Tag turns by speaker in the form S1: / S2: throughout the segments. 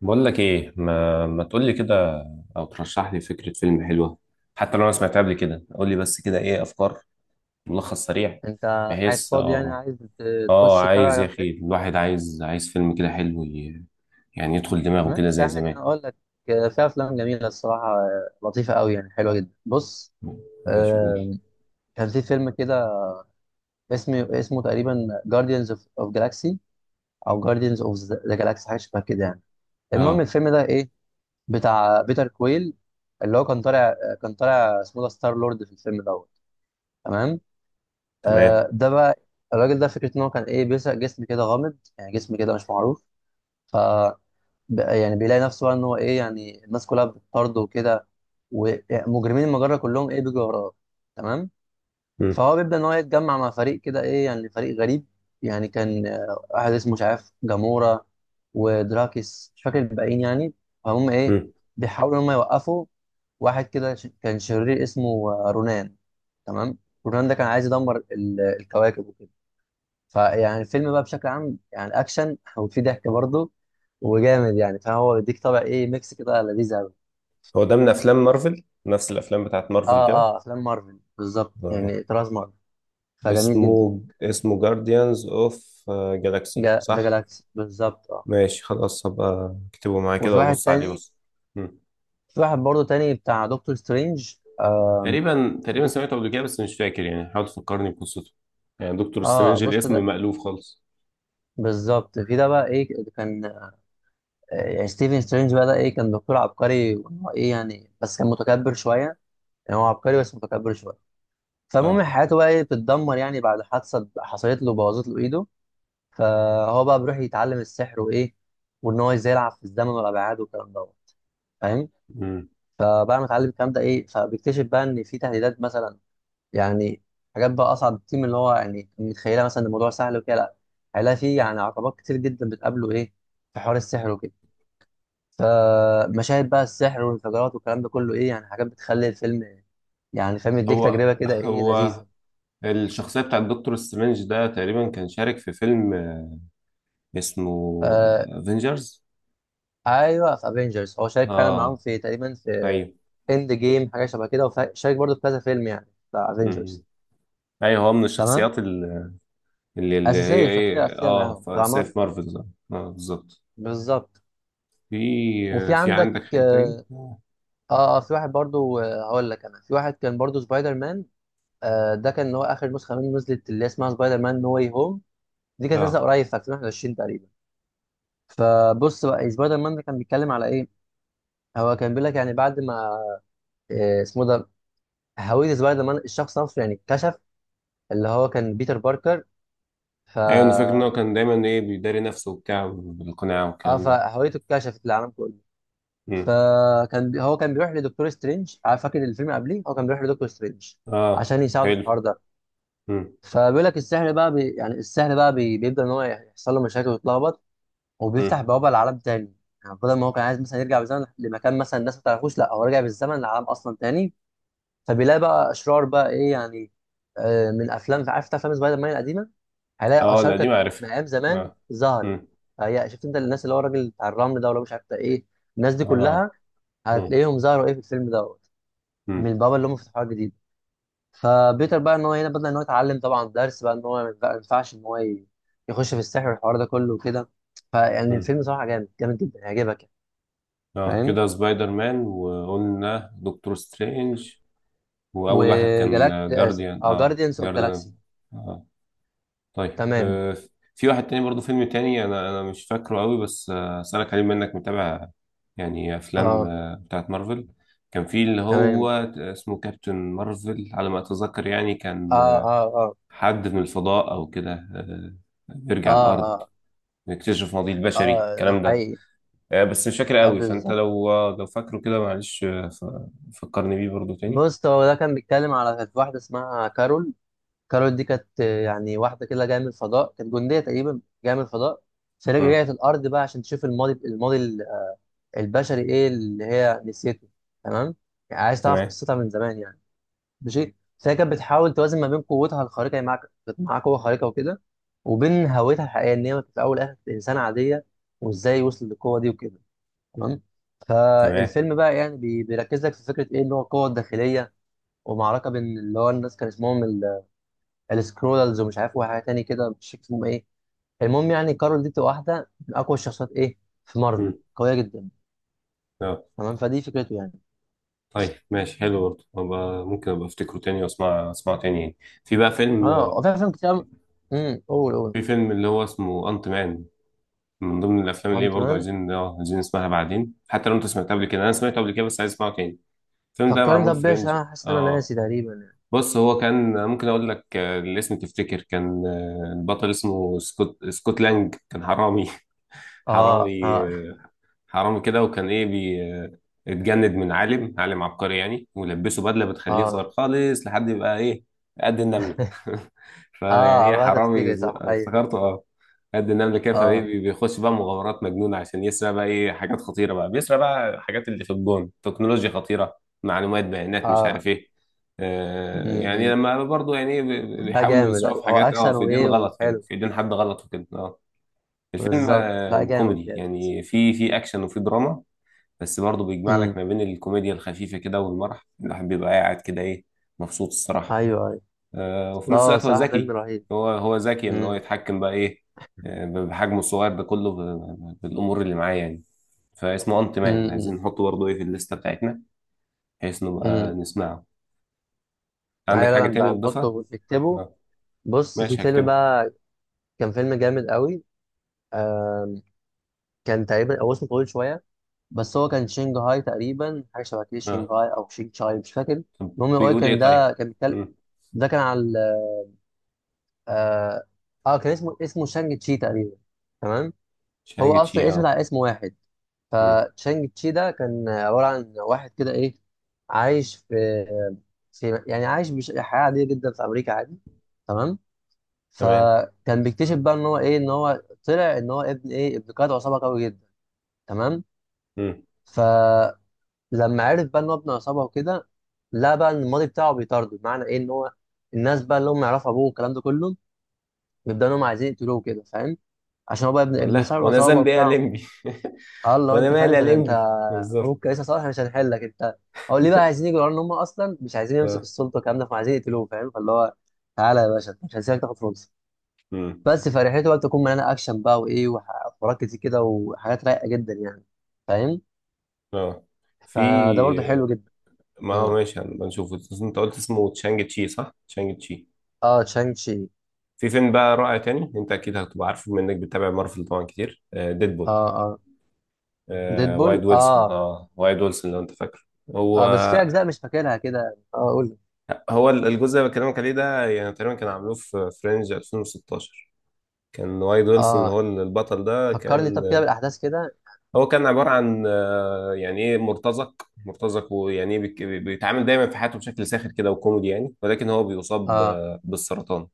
S1: بقول لك ايه، ما تقول لي كده، او ترشح لي فكره فيلم حلوه. حتى لو انا سمعتها قبل كده قول لي بس كده ايه افكار، ملخص سريع.
S2: انت قاعد
S1: بحيث
S2: فاضي، يعني عايز ت-
S1: اه
S2: تخش تتفرج
S1: عايز يا
S2: على
S1: اخي،
S2: فيلم؟
S1: الواحد عايز فيلم كده حلو يعني يدخل دماغه كده
S2: ماشي،
S1: زي
S2: عادي،
S1: زمان.
S2: انا اقول لك. في افلام جميله الصراحه، لطيفه قوي، يعني حلوه جدا. بص،
S1: ماشي قول.
S2: آه، كان في فيلم كده، اسمه تقريبا جارديانز اوف جالاكسي، او جارديانز اوف ذا جالاكسي، حاجه شبه كده يعني. المهم
S1: اه
S2: الفيلم ده ايه، بتاع بيتر كويل، اللي هو كان طالع اسمه ده ستار لورد في الفيلم دوت. تمام.
S1: تمام.
S2: ده بقى الراجل ده، فكرة إن هو كان إيه، بيسرق جسم كده غامض، يعني جسم كده مش معروف. بقى يعني بيلاقي نفسه بقى ان هو ايه، يعني الناس كلها بتطارده وكده، ومجرمين المجرة كلهم ايه بيجوا وراه. تمام.
S1: مم.
S2: فهو بيبدأ ان هو يتجمع مع فريق كده ايه، يعني فريق غريب. يعني كان واحد اسمه مش عارف جامورا ودراكس، مش فاكر الباقيين يعني. فهم ايه
S1: مم.
S2: بيحاولوا ان هم يوقفوا واحد كده كان شرير اسمه رونان. تمام. رونان ده كان عايز يدمر الكواكب وكده. فيعني الفيلم بقى بشكل عام يعني اكشن وفي ضحك برضه وجامد يعني، فهو بيديك طبع ايه ميكس كده لذيذ قوي.
S1: هو ده من افلام مارفل، نفس الافلام بتاعت
S2: اه.
S1: مارفل كده؟
S2: اه، افلام مارفل بالظبط،
S1: اه.
S2: يعني طراز مارفل. فجميل
S1: اسمه
S2: جدا.
S1: اسمه جارديانز اوف جالاكسي
S2: جا ذا
S1: صح؟
S2: جالاكسي بالظبط، اه.
S1: ماشي خلاص هبقى اكتبه معايا كده
S2: وفي واحد
S1: وابص عليه
S2: تاني،
S1: بس.
S2: في واحد برضه تاني بتاع دكتور سترينج، آه.
S1: تقريبا
S2: دكتور،
S1: سمعته قبل كده بس مش فاكر، يعني حاول تفكرني بقصته. يعني دكتور
S2: اه
S1: سترينج
S2: بص
S1: الاسم
S2: ده
S1: مألوف خالص.
S2: بالظبط. في ده بقى ايه، كان يعني ستيفن سترينج بقى ده ايه، كان دكتور عبقري، وإن هو ايه يعني، بس كان متكبر شويه. يعني هو عبقري بس متكبر شويه. فالمهم
S1: اه.
S2: حياته بقى ايه بتتدمر، يعني بعد حادثه حصلت له بوظت له ايده. فهو بقى بيروح يتعلم السحر وايه، وان هو ازاي يلعب في الزمن والابعاد والكلام دوت. فاهم.
S1: مم.
S2: فبعد ما اتعلم الكلام ده ايه، فبيكتشف بقى ان في تهديدات مثلا. يعني حاجات بقى اصعب بكتير من اللي هو يعني متخيلها، مثلا إن الموضوع سهل وكده لا. هيلاقي فيه يعني عقبات كتير جدا بتقابله ايه في حوار السحر وكده. فمشاهد بقى السحر والانفجارات والكلام ده كله ايه، يعني حاجات بتخلي الفيلم يعني فاهم يديك
S1: هو
S2: تجربه كده ايه
S1: هو
S2: لذيذه.
S1: الشخصية بتاعت دكتور سترينج ده تقريبا كان شارك في فيلم اسمه افنجرز.
S2: ايوه في افنجرز، هو شارك فعلا معاهم
S1: اه.
S2: في تقريبا في
S1: ايوه.
S2: اند جيم، حاجه شبه كده، وشارك برضه في كذا فيلم يعني بتاع
S1: مم.
S2: افنجرز.
S1: ايوه هو من
S2: تمام.
S1: الشخصيات اللي هي
S2: اساسيه، شخصيه
S1: ايه،
S2: اساسيه
S1: اه
S2: معاهم بتاع
S1: سيف
S2: مارفل.
S1: مارفل، اه. بالظبط.
S2: بالظبط.
S1: في آه،
S2: وفي
S1: في
S2: عندك
S1: عندك حاجة تاني؟
S2: اه. اه، في واحد برضه، هقول لك انا، في واحد كان برضه سبايدر مان. آه، ده كان اللي هو اخر نسخه منه نزلت اللي اسمها سبايدر مان نو واي هوم. دي كانت نازله
S1: اه
S2: قريب في 2021 تقريبا. فبص بقى، سبايدر مان ده كان بيتكلم على ايه. هو كان بيقول لك يعني بعد ما اسمه ده، هويه سبايدر مان الشخص نفسه يعني اتكشف، اللي هو كان بيتر باركر. ف،
S1: ايوه انا فاكر ان هو كان دايما ايه بيداري نفسه وبتاع بالقناع
S2: اه،
S1: والكلام
S2: فهويته اتكشفت للعالم كله.
S1: ده.
S2: فكان هو كان بيروح لدكتور سترينج، عارف فاكر الفيلم قبليه، هو كان بيروح لدكتور سترينج
S1: اه
S2: عشان يساعده في
S1: حلو.
S2: الحوار ده.
S1: مم.
S2: فبيقول لك السحر بقى يعني السحر بقى بيبدا ان هو يحصل له مشاكل ويتلخبط، وبيفتح
S1: مم.
S2: بوابه لعالم تاني. يعني بدل ما هو كان عايز مثلا يرجع بالزمن لمكان مثلا الناس ما تعرفوش، لا هو رجع بالزمن لعالم اصلا تاني. فبيلاقي بقى اشرار بقى ايه يعني، من افلام، عارف افلام سبايدر مان القديمه، هيلاقي
S1: اه
S2: اشرار
S1: لا دي
S2: كانت
S1: معرفة.
S2: من ايام زمان
S1: اه.
S2: ظهرت.
S1: مم.
S2: فهي شفت انت الناس، اللي هو الراجل بتاع الرمل ده ولا مش عارف بتاع ايه، الناس دي
S1: اه.
S2: كلها
S1: مم.
S2: هتلاقيهم ظهروا ايه في الفيلم دوت، من
S1: مم.
S2: البوابه اللي هم فتحوها جديد. فبيتر بقى ان هو هنا بدأ ان هو يتعلم طبعا درس بقى ان هو ما ينفعش ان هو يخش في السحر والحوار ده كله وكده. فيعني
S1: مم.
S2: الفيلم صراحه جامد، جامد جدا، هيعجبك يعني.
S1: اه
S2: فاهم.
S1: كده سبايدر مان وقلنا دكتور سترينج، واول واحد كان
S2: وجالاك،
S1: جارديان،
S2: اه
S1: اه
S2: جارديانز اوف
S1: جارديان.
S2: جالاكسي.
S1: اه طيب.
S2: تمام.
S1: آه. في واحد تاني برضو، فيلم تاني انا مش فاكره قوي بس اسالك عليه، منك متابع. يعني افلام
S2: اه.
S1: بتاعت مارفل، كان في اللي هو
S2: تمام.
S1: اسمه كابتن مارفل على ما اتذكر، يعني
S2: اه
S1: كان
S2: اه اه.
S1: حد من الفضاء او كده، بيرجع
S2: اه
S1: الارض
S2: اه
S1: يكتشف ماضي البشري
S2: اه. ده
S1: الكلام ده.
S2: حقيقي.
S1: بس مش فاكر
S2: اه
S1: قوي، فانت
S2: بالظبط.
S1: لو لو فاكره كده معلش فكرني بيه برضو تاني.
S2: بص، هو ده كان بيتكلم على كانت واحدة اسمها كارول. كارول دي كانت، يعني واحدة كده جاية من الفضاء، كانت جندية تقريبا جاية من الفضاء.
S1: مم.
S2: فرجعت الأرض بقى عشان تشوف الماضي، الماضي البشري إيه اللي هي نسيته. تمام. يعني عايز تعرف
S1: تمام
S2: قصتها من زمان يعني. ماشي. فهي كانت بتحاول توازن ما بين قوتها الخارقة، يعني كانت معاها قوة خارقة وكده، وبين هويتها الحقيقية إن هي في الأول والآخر كانت إنسانة عادية، وإزاي وصلت للقوة دي وكده. تمام.
S1: تمام.
S2: فالفيلم بقى يعني بيركز لك في فكره ايه اللي هو القوه الداخليه. ومعركه بين اللي هو الناس، كان اسمهم السكرولز، ومش عارف وحاجه تاني كده مش فاكر اسمهم ايه. المهم يعني كارول دي بتبقى واحده من اقوى الشخصيات ايه في مارفل،
S1: مم.
S2: قويه جدا.
S1: آه.
S2: تمام، فدي فكرته يعني.
S1: طيب ماشي، حلو برضه. ممكن ابقى افتكره تاني واسمع، اسمعه تاني يعني. في بقى فيلم
S2: اه،
S1: آه،
S2: وفي افلام كتير أوي، قول قول.
S1: في فيلم اللي هو اسمه انت مان، من ضمن الافلام اللي هي
S2: انت
S1: برضه
S2: مان،
S1: عايزين، عايزين نسمعها بعدين حتى لو انت سمعتها قبل كده، انا سمعته قبل كده بس عايز اسمعه تاني. الفيلم ده
S2: فكرني
S1: معمول
S2: طب
S1: في
S2: بيش،
S1: رينج.
S2: انا حاسس ان انا
S1: اه.
S2: ناسي تقريبا يعني.
S1: بص هو كان ممكن اقول لك الاسم تفتكر كان البطل اسمه سكوت لانج. كان حرامي.
S2: اه
S1: حرامي
S2: اه
S1: كده، وكان ايه بي اتجند من عالم عبقري يعني، ولبسه بدله بتخليه
S2: اه.
S1: صغير خالص لحد يبقى ايه قد النمله. فيعني
S2: اه
S1: ايه
S2: بقى
S1: حرامي
S2: تفتكر، صح ايوه.
S1: افتكرته اه. قد النمله كده، فايه
S2: اه
S1: بيخش بقى مغامرات مجنونه عشان يسرق بقى ايه حاجات خطيره، بقى بيسرق بقى الحاجات اللي في الجون، تكنولوجيا خطيره، معلومات، بيانات، مش
S2: اه.
S1: عارف ايه. يعني
S2: امم.
S1: لما برضه يعني إيه
S2: لا،
S1: بيحاولوا
S2: جامد.
S1: يسرقوا
S2: ايوه
S1: في
S2: هو
S1: حاجات، اه
S2: اكشن
S1: في ايدين
S2: وايه
S1: غلط، يعني
S2: وحلو.
S1: في ايدين حد غلط وكده اه. الفيلم
S2: بالظبط لا، جامد
S1: كوميدي
S2: جامد.
S1: يعني، في اكشن وفي دراما، بس برضه بيجمع لك
S2: امم.
S1: ما بين الكوميديا الخفيفه كده والمرح، الواحد بيبقى قاعد كده ايه مبسوط الصراحه.
S2: ايوه ايوه.
S1: وفي
S2: لا،
S1: نفس
S2: هو
S1: الوقت هو
S2: صراحه فيلم
S1: ذكي.
S2: رهيب.
S1: هو ذكي ان هو
S2: امم.
S1: يتحكم بقى ايه بحجمه الصغير ده كله بالامور اللي معاه يعني. فاسمه انت مان، عايزين
S2: امم.
S1: نحطه برضه ايه في الليسته بتاعتنا بحيث نبقى
S2: امم.
S1: نسمعه. عندك
S2: ايوه، لا
S1: حاجه
S2: لا
S1: تانية
S2: بقى،
S1: تضيفها؟
S2: نحطه نكتبه.
S1: آه،
S2: بص، في
S1: ماشي
S2: فيلم
S1: هكتبه.
S2: بقى كان فيلم جامد قوي. كان تقريبا، او اسمه طويل شويه، بس هو كان شنغهاي تقريبا، حاجه شبه كده،
S1: اه
S2: شنغهاي او شنغهاي، مش فاكر. المهم هو
S1: بيقول
S2: كان،
S1: ايه طيب.
S2: ده كان بيتكلم،
S1: مم.
S2: ده كان على اه، كان اسمه، اسمه شانج تشي تقريبا. تمام. هو
S1: شانج تشي
S2: اصلا اسم
S1: اه.
S2: على اسم واحد.
S1: مم.
S2: فتشانج تشي ده كان عبارة عن واحد كده إيه، عايش في، يعني عايش حياة عادية جدا في أمريكا، عادي. تمام.
S1: تمام.
S2: فكان بيكتشف بقى إن هو إيه، إن هو طلع إن هو ابن، إيه، ابن قائد عصابة قوي جدا. تمام.
S1: مم.
S2: فلما عرف بقى إن هو ابن عصابة وكده، لا بقى إن الماضي بتاعه بيطارده، بمعنى إيه، إن هو الناس بقى اللي هم يعرفوا أبوه والكلام ده كله بيبدأوا إن هم عايزين يقتلوه كده، فاهم؟ عشان هو بقى ابن،
S1: والله
S2: صاحب
S1: وانا
S2: العصابة
S1: ذنبي ايه يا
S2: وبتاع.
S1: لمبي؟
S2: اه، اللي هو
S1: وانا
S2: انت فاهم،
S1: مالي يا
S2: انت انت
S1: لمبي، بالظبط.
S2: ممكن لسه صالح، مش هنحلك انت، هو ليه بقى عايزين يجوا يقولوا ان هم اصلا مش عايزين يمسك
S1: اه.
S2: السلطه والكلام ده، فعايزين يقتلوه، فاهم؟ فاللي هو تعالى يا باشا، مش هنسيبك تاخد فرصه.
S1: امم.
S2: بس فرحته بقى بتكون مليانه اكشن بقى وايه وحوارات كتير كده وحاجات رايقه جدا يعني، فاهم؟
S1: اه. في.
S2: فده برضو حلو جدا.
S1: ما هو
S2: مم.
S1: ماشي هنبقى نشوفه، بس انت قلت اسمه تشانج تشي صح؟ تشانج تشي.
S2: اه تشانج شي.
S1: في فيلم بقى رائع تاني، انت اكيد هتبقى عارفه بما انك بتتابع مارفل طبعا كتير، آه، ديدبول.
S2: اه اه. ديدبول، اه
S1: وايد ويلسون لو انت فاكره. هو
S2: اه، بس في اجزاء مش فاكرها كده، اه قول.
S1: هو الجزء اللي بكلمك عليه ده يعني تقريبا كان عاملوه في فرنج 2016. كان وايد ويلسون اللي هو
S2: اه،
S1: البطل ده
S2: فكرني
S1: كان،
S2: طب كده بالاحداث كده.
S1: هو كان عبارة عن يعني ايه مرتزق، مرتزق ويعني ايه بيتعامل دايما في حياته بشكل ساخر كده وكوميدي يعني، ولكن هو بيصاب
S2: اه
S1: بالسرطان،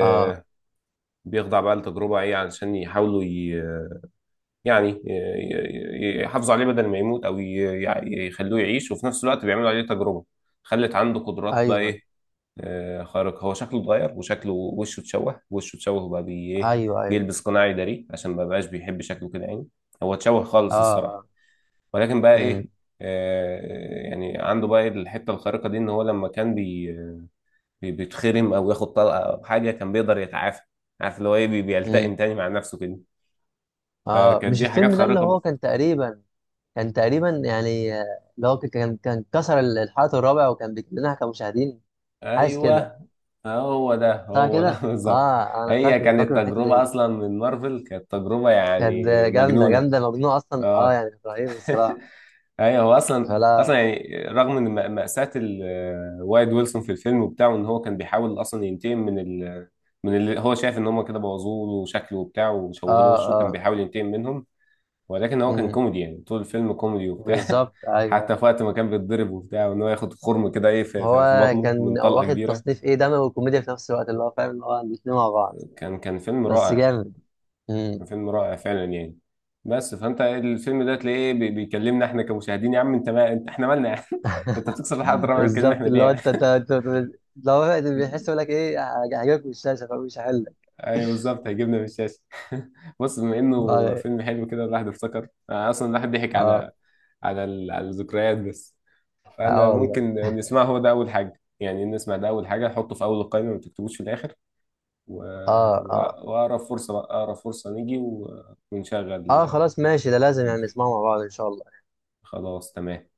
S2: اه.
S1: بقى لتجربة ايه علشان يحاولوا يحافظوا عليه بدل ما يموت، او يخلوه يعيش، وفي نفس الوقت بيعملوا عليه تجربة خلت عنده قدرات بقى
S2: ايوه
S1: ايه خارقة. هو شكله اتغير، وشكله، وشه اتشوه، وبقى ايه
S2: ايوه. ايوه.
S1: بيلبس قناع يداريه عشان ما بقاش بيحب شكله كده يعني، هو اتشوه
S2: اه
S1: خالص الصراحة.
S2: اه.
S1: ولكن بقى ايه
S2: مم.
S1: آه، يعني عنده بقى إيه الحته الخارقه دي، ان هو لما كان بيتخرم او ياخد طلقه او حاجه كان بيقدر يتعافى، عارف اللي هو ايه
S2: مم.
S1: بيلتئم تاني مع نفسه كده.
S2: اه،
S1: فكانت
S2: مش
S1: دي حاجات
S2: الفيلم ده اللي
S1: خارقه
S2: هو
S1: بقى.
S2: كان تقريبا، كان تقريبا يعني اللي هو كان كسر الحلقة الرابع وكان بيكلمنا كمشاهدين، حاسس كده،
S1: ايوه، هو ده
S2: صح
S1: هو ده
S2: كده،
S1: بالظبط.
S2: اه انا
S1: هي
S2: فاكره،
S1: كانت
S2: فاكره الحتة
S1: تجربه
S2: دي.
S1: اصلا من مارفل، كانت تجربه
S2: كانت
S1: يعني
S2: جامدة
S1: مجنونه.
S2: جامدة، مجنونة اصلا، اه
S1: اه.
S2: يعني كانت رهيبة الصراحة.
S1: ايوه هو اصلا
S2: فلا،
S1: اصلا يعني رغم من مأساة وايد ويلسون في الفيلم وبتاعه، ان هو كان بيحاول اصلا ينتقم من من اللي هو شايف ان هم كده بوظوه له شكله وبتاع، وشوهوا له
S2: اه
S1: وشه، كان
S2: اه.
S1: بيحاول ينتقم منهم. ولكن هو كان
S2: امم.
S1: كوميدي يعني، طول الفيلم كوميدي وبتاع،
S2: بالظبط
S1: حتى
S2: ايوه.
S1: في وقت ما كان بيتضرب وبتاع، وان هو ياخد خرم كده ايه في,
S2: هو
S1: بطنه من
S2: كان
S1: طلقة
S2: واخد
S1: كبيرة.
S2: تصنيف ايه، دموي وكوميديا في نفس الوقت، اللي هو فاهم اللي هو الاتنين مع بعض.
S1: كان فيلم
S2: بس
S1: رائع،
S2: جامد. امم.
S1: كان فيلم رائع فعلا يعني. بس فانت الفيلم ده تلاقيه بيكلمنا احنا كمشاهدين، يا عم انت ما انت احنا مالنا، انت بتكسر الحلقه الرابعه بتكلمنا احنا
S2: بالظبط، اللي هو
S1: ليه؟
S2: انت، لو هو بيحس يقول لك ايه، هجيبك من الشاشه فمش هحلك.
S1: ايوه بالظبط هيجيبنا من الشاشه. بص، بما انه
S2: اه
S1: فيلم حلو كده، الواحد افتكر، أنا اصلا الواحد ضحك
S2: اه.
S1: على على الذكريات بس.
S2: اه
S1: فانا
S2: والله
S1: ممكن نسمعه، هو ده اول حاجه، يعني نسمع ده اول حاجه نحطه في اول القائمه، ما تكتبوش في الاخر. و...
S2: اه
S1: و...
S2: اه.
S1: واقرب فرصه بقى، اقرب فرصه نيجي و... ونشغل.
S2: اه خلاص ماشي، ده لازم يعني نسمعه مع بعض ان شاء الله.
S1: خلاص تمام.